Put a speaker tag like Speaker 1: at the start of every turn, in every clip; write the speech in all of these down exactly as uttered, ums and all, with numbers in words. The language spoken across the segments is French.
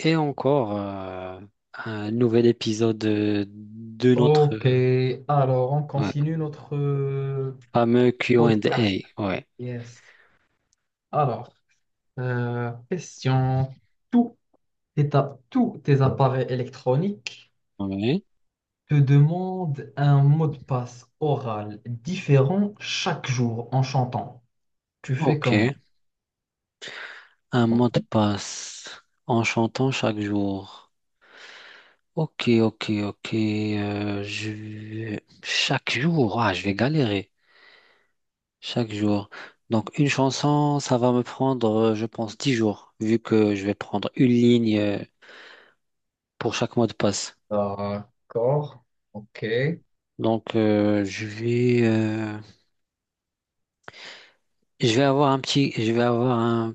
Speaker 1: Et encore euh, un nouvel épisode de, de notre
Speaker 2: Ok,
Speaker 1: euh,
Speaker 2: alors on
Speaker 1: ouais,
Speaker 2: continue notre euh,
Speaker 1: fameux Q and
Speaker 2: podcast.
Speaker 1: A. Ouais.
Speaker 2: Yes. Alors, euh, question. Tous tes, ta- tous tes appareils électroniques
Speaker 1: Ouais.
Speaker 2: te demandent un mot de passe oral différent chaque jour en chantant. Tu fais
Speaker 1: Ok.
Speaker 2: comment?
Speaker 1: Un mot de passe en chantant chaque jour. Ok, ok, ok. euh, je... vais- Chaque jour, ah, je vais galérer. Chaque jour. Donc une chanson, ça va me prendre, euh, je pense, dix jours, vu que je vais prendre une ligne euh, pour chaque mot de passe.
Speaker 2: D'accord. Ok.
Speaker 1: Donc euh, je vais... euh, Je vais avoir un petit, je vais avoir un,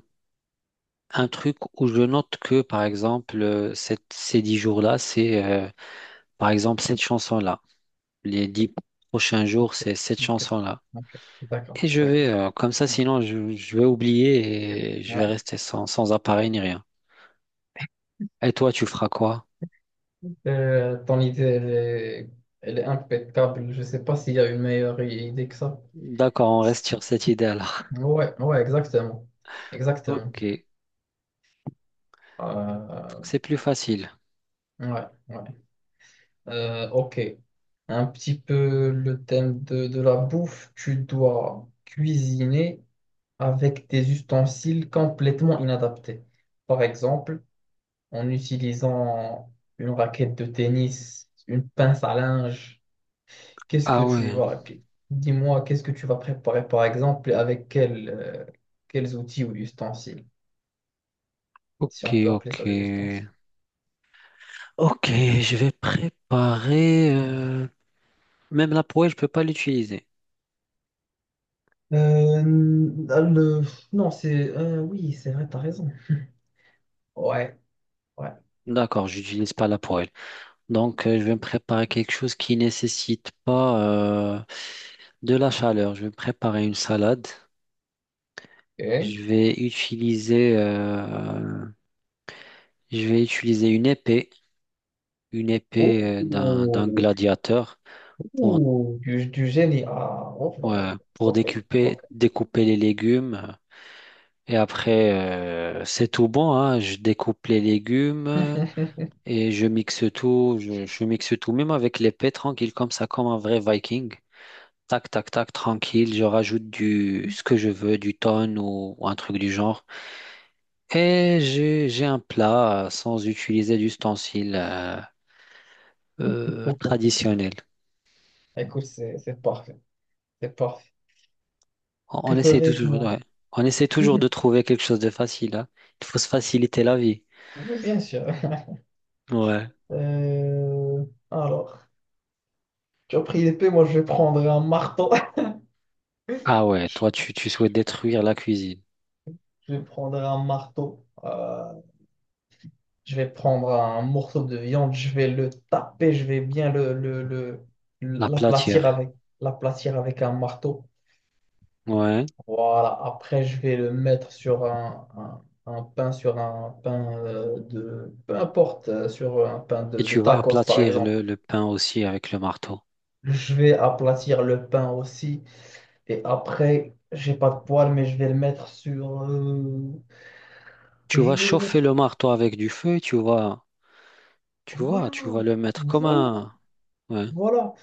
Speaker 1: un truc où je note que, par exemple, euh, cette- ces dix jours-là, c'est, euh, par exemple, cette chanson-là. Les dix prochains jours, c'est cette
Speaker 2: Ok.
Speaker 1: chanson-là.
Speaker 2: Ok. D'accord.
Speaker 1: Et je vais,
Speaker 2: D'accord.
Speaker 1: euh, comme ça,
Speaker 2: Hmm.
Speaker 1: sinon, je, je vais oublier et je vais
Speaker 2: Ouais.
Speaker 1: rester sans, sans appareil ni rien. Et toi, tu feras quoi?
Speaker 2: Euh, ton idée, elle est, elle est impeccable. Je ne sais pas s'il y a une meilleure idée que ça.
Speaker 1: D'accord, on reste sur cette idée-là.
Speaker 2: Ouais, ouais, exactement. Exactement.
Speaker 1: Ok, donc
Speaker 2: Euh,
Speaker 1: c'est plus facile.
Speaker 2: ouais, ouais. Euh, ok. Un petit peu le thème de, de la bouffe. Tu dois cuisiner avec des ustensiles complètement inadaptés. Par exemple, en utilisant une raquette de tennis, une pince à linge. Qu'est-ce que
Speaker 1: Ah
Speaker 2: tu...
Speaker 1: ouais,
Speaker 2: Voilà. qu- Dis-moi, qu'est-ce que tu vas préparer, par exemple, et avec quel, euh, quels outils ou ustensiles,
Speaker 1: ok,
Speaker 2: si on peut appeler
Speaker 1: ok.
Speaker 2: ça des ustensiles.
Speaker 1: Ok, je vais préparer. euh, Même la poêle, je peux pas l'utiliser.
Speaker 2: Euh, le- Non, c'est... euh, oui, c'est vrai, t'as raison. Ouais, ouais.
Speaker 1: D'accord, j'utilise pas la poêle. Donc, euh, je vais me préparer quelque chose qui nécessite pas euh, de la chaleur. Je vais me préparer une salade.
Speaker 2: Ok.
Speaker 1: Je vais utiliser, euh, je vais utiliser une épée, une
Speaker 2: Ouh,
Speaker 1: épée euh, d'un d'un gladiateur pour
Speaker 2: ouh, du, du génie. Ah,
Speaker 1: ouais,
Speaker 2: enfin,
Speaker 1: pour
Speaker 2: ok, ok.
Speaker 1: découper découper les légumes. Et après, euh, c'est tout bon, hein. Je découpe les légumes et je mixe tout. Je, je mixe tout, même avec l'épée, tranquille comme ça, comme un vrai Viking. Tac, tac, tac, tranquille. Je rajoute du ce que je veux, du thon ou, ou un truc du genre. Et j'ai j'ai un plat euh, sans utiliser d'ustensiles euh, euh,
Speaker 2: Pou, pou, pou, pou.
Speaker 1: traditionnels.
Speaker 2: Écoute, c'est c'est parfait. C'est parfait.
Speaker 1: On, on
Speaker 2: Que
Speaker 1: essaie
Speaker 2: ferais-je
Speaker 1: toujours,
Speaker 2: moi?
Speaker 1: ouais. On essaie toujours de trouver quelque chose de facile, hein. Il faut se faciliter la vie.
Speaker 2: Oui, bien sûr.
Speaker 1: Ouais.
Speaker 2: Euh, Alors, tu as pris l'épée, moi je vais prendre un marteau.
Speaker 1: Ah ouais, toi tu, tu souhaites détruire la cuisine,
Speaker 2: Je vais prendre un marteau. Euh, Je vais prendre un morceau de viande, je vais le taper, je vais bien le, le, le- l'aplatir
Speaker 1: l'aplatir.
Speaker 2: avec, l'aplatir avec un marteau.
Speaker 1: Ouais.
Speaker 2: Voilà, après je vais le mettre sur un, un, un pain, sur un pain euh, de... Peu importe, euh, sur un pain
Speaker 1: Et
Speaker 2: de, de
Speaker 1: tu vas
Speaker 2: tacos par
Speaker 1: aplatir le,
Speaker 2: exemple.
Speaker 1: le pain aussi avec le marteau.
Speaker 2: Je vais aplatir le pain aussi. Et après, j'ai pas de poêle, mais je vais le mettre sur... euh,
Speaker 1: Tu
Speaker 2: je
Speaker 1: vas
Speaker 2: vais le
Speaker 1: chauffer le
Speaker 2: mettre...
Speaker 1: marteau avec du feu, tu vas, tu vois,
Speaker 2: Voilà,
Speaker 1: tu vas le mettre comme
Speaker 2: voilà,
Speaker 1: un. Ouais.
Speaker 2: voilà.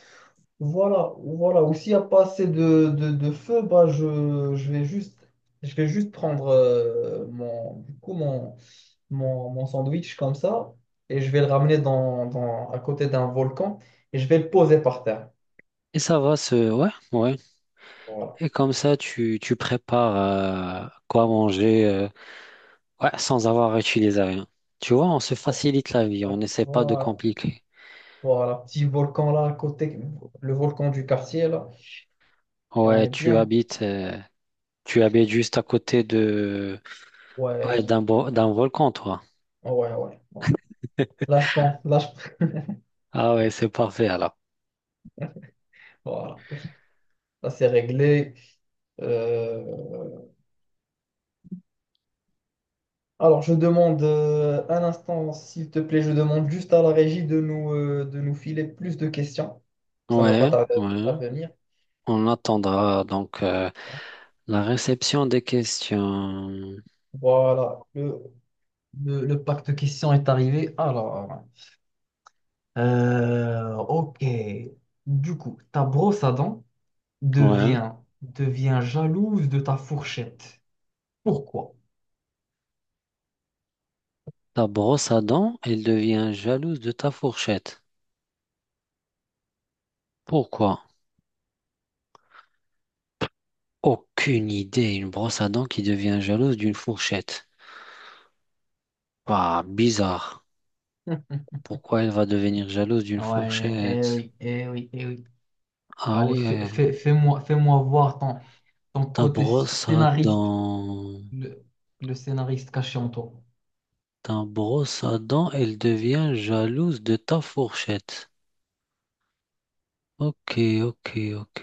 Speaker 2: Voilà, voilà. Ou s'il n'y a pas assez de, de, de feu, bah je, je vais juste, je vais juste prendre euh, mon, du coup, mon, mon, mon sandwich comme ça et je vais le ramener dans, dans, à côté d'un volcan et je vais le poser par terre.
Speaker 1: Et ça va se... Ouais, ouais.
Speaker 2: Voilà.
Speaker 1: Et comme ça, tu, tu prépares euh, quoi manger euh, ouais, sans avoir utilisé rien. Tu vois, on se facilite la vie, on
Speaker 2: Voilà.
Speaker 1: n'essaie pas de
Speaker 2: Voilà.
Speaker 1: compliquer.
Speaker 2: Voilà. Petit volcan là à côté, le volcan du quartier là. Et on
Speaker 1: Ouais,
Speaker 2: est
Speaker 1: tu
Speaker 2: bien.
Speaker 1: habites, euh, tu habites juste à côté de, ouais,
Speaker 2: Ouais.
Speaker 1: d'un bo- d'un volcan, toi.
Speaker 2: Ouais, ouais, ouais. Là, je pense. Là, je...
Speaker 1: Ah ouais, c'est parfait alors.
Speaker 2: Voilà. Ça c'est réglé. Euh, Alors, je demande euh, un instant, s'il te plaît, je demande juste à la régie de nous, euh, de nous filer plus de questions. Ça ne va pas
Speaker 1: Ouais,
Speaker 2: tarder
Speaker 1: ouais.
Speaker 2: à venir.
Speaker 1: On attendra donc euh, la réception des questions.
Speaker 2: Voilà, le, le, le pack de questions est arrivé. Alors, euh, ok. Du coup, ta brosse à dents
Speaker 1: Ouais.
Speaker 2: devient, devient jalouse de ta fourchette. Pourquoi?
Speaker 1: Ta brosse à dents, elle devient jalouse de ta fourchette. Pourquoi? Aucune idée. Une brosse à dents qui devient jalouse d'une fourchette. Bah, bizarre. Pourquoi elle va devenir jalouse d'une
Speaker 2: Ouais, eh
Speaker 1: fourchette?
Speaker 2: oui, eh oui, eh oui.
Speaker 1: Ah
Speaker 2: Allez, fais,
Speaker 1: ouais.
Speaker 2: fais, moi fais-moi fais-moi voir ton, ton
Speaker 1: Ta
Speaker 2: côté sc-
Speaker 1: brosse à
Speaker 2: scénariste.
Speaker 1: dents.
Speaker 2: Le, le scénariste caché en toi.
Speaker 1: Ta brosse à dents, elle devient jalouse de ta fourchette. Ok, ok, ok.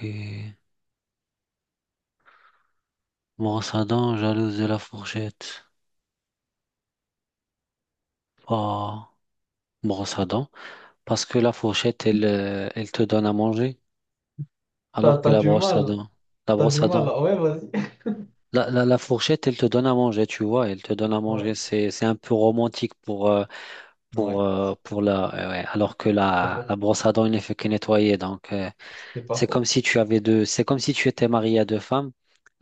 Speaker 1: Brosse à dents, jalouse de la fourchette. Bah, brosse à dents. Parce que la fourchette, elle, euh, elle te donne à manger.
Speaker 2: T'as,
Speaker 1: Alors que
Speaker 2: t'as
Speaker 1: la
Speaker 2: du
Speaker 1: brosse à
Speaker 2: mal.
Speaker 1: dents. La
Speaker 2: T'as
Speaker 1: brosse
Speaker 2: du
Speaker 1: à
Speaker 2: mal.
Speaker 1: dents.
Speaker 2: Ouais, vas-y.
Speaker 1: La, la, la fourchette, elle te donne à manger, tu vois, elle te donne à
Speaker 2: Ouais.
Speaker 1: manger. C'est, c'est un peu romantique pour, euh, pour,
Speaker 2: Ouais.
Speaker 1: euh, pour la, euh, ouais, alors que
Speaker 2: Pas
Speaker 1: la, la
Speaker 2: faux.
Speaker 1: brosse à dents, il ne fait que nettoyer. Donc, euh,
Speaker 2: C'est pas
Speaker 1: c'est comme
Speaker 2: faux.
Speaker 1: si tu avais deux, c'est comme si tu étais marié à deux femmes.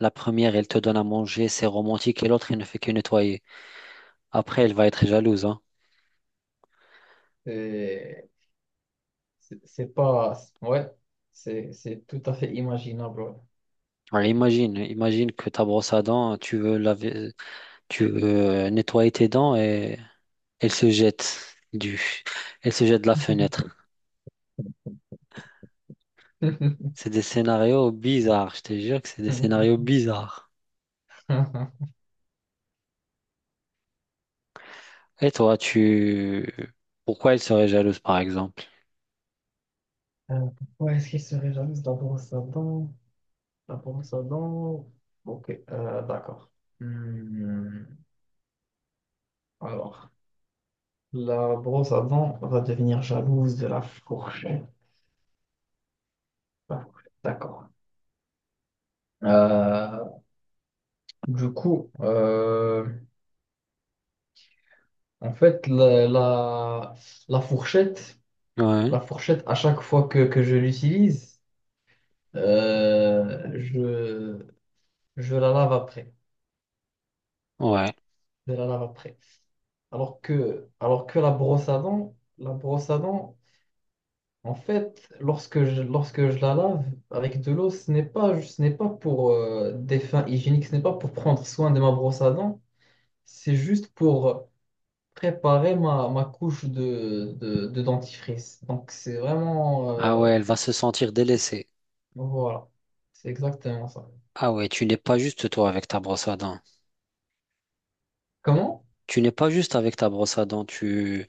Speaker 1: La première, elle te donne à manger, c'est romantique, et l'autre, elle ne fait que nettoyer. Après, elle va être jalouse, hein.
Speaker 2: C'est c'est- c'est pas. Ouais. C'est c'est tout à fait imaginable. Ouais.
Speaker 1: Alors, imagine, imagine que ta brosse à dents, tu veux laver, tu veux euh, nettoyer tes dents et elle se jette du, elle se jette de la fenêtre. C'est des scénarios bizarres, je te jure que c'est des scénarios bizarres. Et toi, tu... Pourquoi elle serait jalouse, par exemple?
Speaker 2: Euh, Pourquoi est-ce qu'il serait jaloux de la brosse à dents? La brosse à dents. Ok, euh, d'accord. Hmm, Alors, la brosse à dents va devenir jalouse de la fourchette. La fourchette, D'accord. Euh, du coup, euh, en fait, la, la, la fourchette,
Speaker 1: Ouais,
Speaker 2: la fourchette, à chaque fois que, que je l'utilise, euh, je, je la lave après.
Speaker 1: ouais.
Speaker 2: Je la lave après. Alors que, alors que la brosse à dents, la brosse à dents, En fait, lorsque je, lorsque je la lave avec de l'eau, ce n'est pas, ce n'est pas pour euh, des fins hygiéniques, ce n'est pas pour prendre soin de ma brosse à dents, c'est juste pour préparer ma, ma couche de, de, de dentifrice. Donc c'est vraiment...
Speaker 1: Ah ouais,
Speaker 2: euh,
Speaker 1: elle va se sentir délaissée.
Speaker 2: voilà, c'est exactement ça.
Speaker 1: Ah ouais, tu n'es pas juste toi avec ta brosse à dents.
Speaker 2: Comment?
Speaker 1: Tu n'es pas juste avec ta brosse à dents. Tu,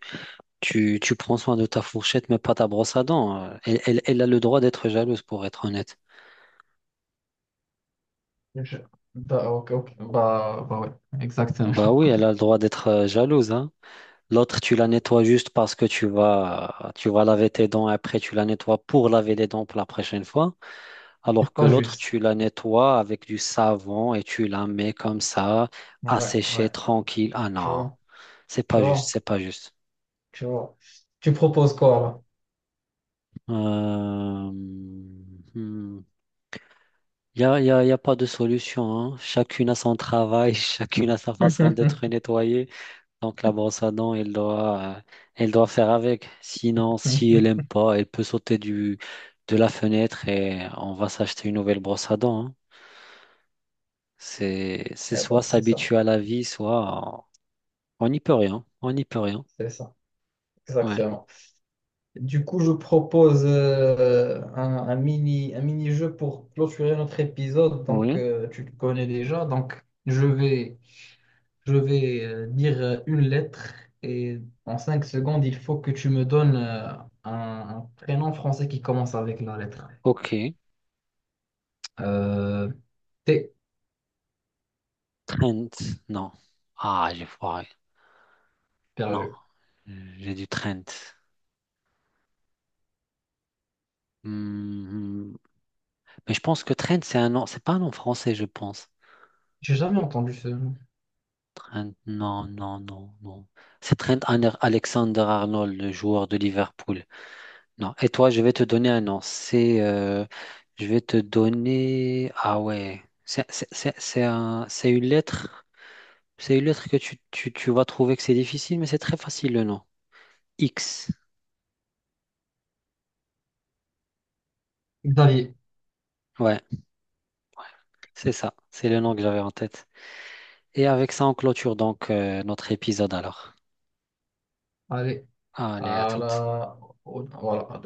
Speaker 1: tu, tu prends soin de ta fourchette, mais pas ta brosse à dents. Elle, elle, elle a le droit d'être jalouse, pour être honnête.
Speaker 2: Je- Bah, ok, ok. Bah, bah ouais, exactement.
Speaker 1: Bah oui, elle a le droit d'être euh, jalouse, hein. L'autre, tu la nettoies juste parce que tu vas, tu vas laver tes dents. Après, tu la nettoies pour laver les dents pour la prochaine fois.
Speaker 2: C'est
Speaker 1: Alors que
Speaker 2: pas
Speaker 1: l'autre,
Speaker 2: juste.
Speaker 1: tu la nettoies avec du savon et tu la mets comme ça, à
Speaker 2: Ouais, ouais.
Speaker 1: sécher tranquille. Ah
Speaker 2: Tu
Speaker 1: non,
Speaker 2: vois,
Speaker 1: c'est
Speaker 2: tu
Speaker 1: pas juste,
Speaker 2: vois,
Speaker 1: c'est pas juste.
Speaker 2: tu vois. Tu proposes quoi
Speaker 1: Euh... Il y a, y a- y a pas de solution, hein. Chacune a son travail, chacune a sa façon
Speaker 2: là?
Speaker 1: d'être nettoyée. Donc la brosse à dents, elle doit, euh, elle doit faire avec. Sinon, si elle aime pas, elle peut sauter du, de la fenêtre et on va s'acheter une nouvelle brosse à dents, hein. C'est, c'est
Speaker 2: Eh ben,
Speaker 1: soit
Speaker 2: c'est ça,
Speaker 1: s'habituer à la vie, soit on n'y peut rien. On n'y peut rien.
Speaker 2: c'est ça.
Speaker 1: Ouais.
Speaker 2: Exactement. Du coup, je propose euh, un, un mini, un mini-jeu pour clôturer notre épisode. Donc,
Speaker 1: Oui.
Speaker 2: euh, tu le connais déjà. Donc, je vais, je vais euh, dire euh, une lettre et en cinq secondes, il faut que tu me donnes euh, un, un prénom français qui commence avec la lettre.
Speaker 1: Ok.
Speaker 2: Euh, T,
Speaker 1: Trent. Non. Ah, j'ai foiré. Non.
Speaker 2: perdu.
Speaker 1: J'ai du Trent. Hmm, hmm. Mais je pense que Trent, c'est un nom. C'est pas un nom français, je pense.
Speaker 2: J'ai jamais entendu ce nom.
Speaker 1: Trent, non, non, non, non. C'est Trent Ane- Alexander-Arnold, le joueur de Liverpool. Non. Et toi, je vais te donner un nom. C'est, euh, je vais te donner. Ah ouais. C'est c'est- c'est- c'est un- c'est une lettre. C'est une lettre que tu, tu, tu vas trouver que c'est difficile, mais c'est très facile le nom. X.
Speaker 2: Xavier.
Speaker 1: Ouais. Ouais. C'est ça. C'est le nom que j'avais en tête. Et avec ça, on clôture donc euh, notre épisode alors.
Speaker 2: Allez,
Speaker 1: Allez, à
Speaker 2: à
Speaker 1: toutes.
Speaker 2: la... au- voilà,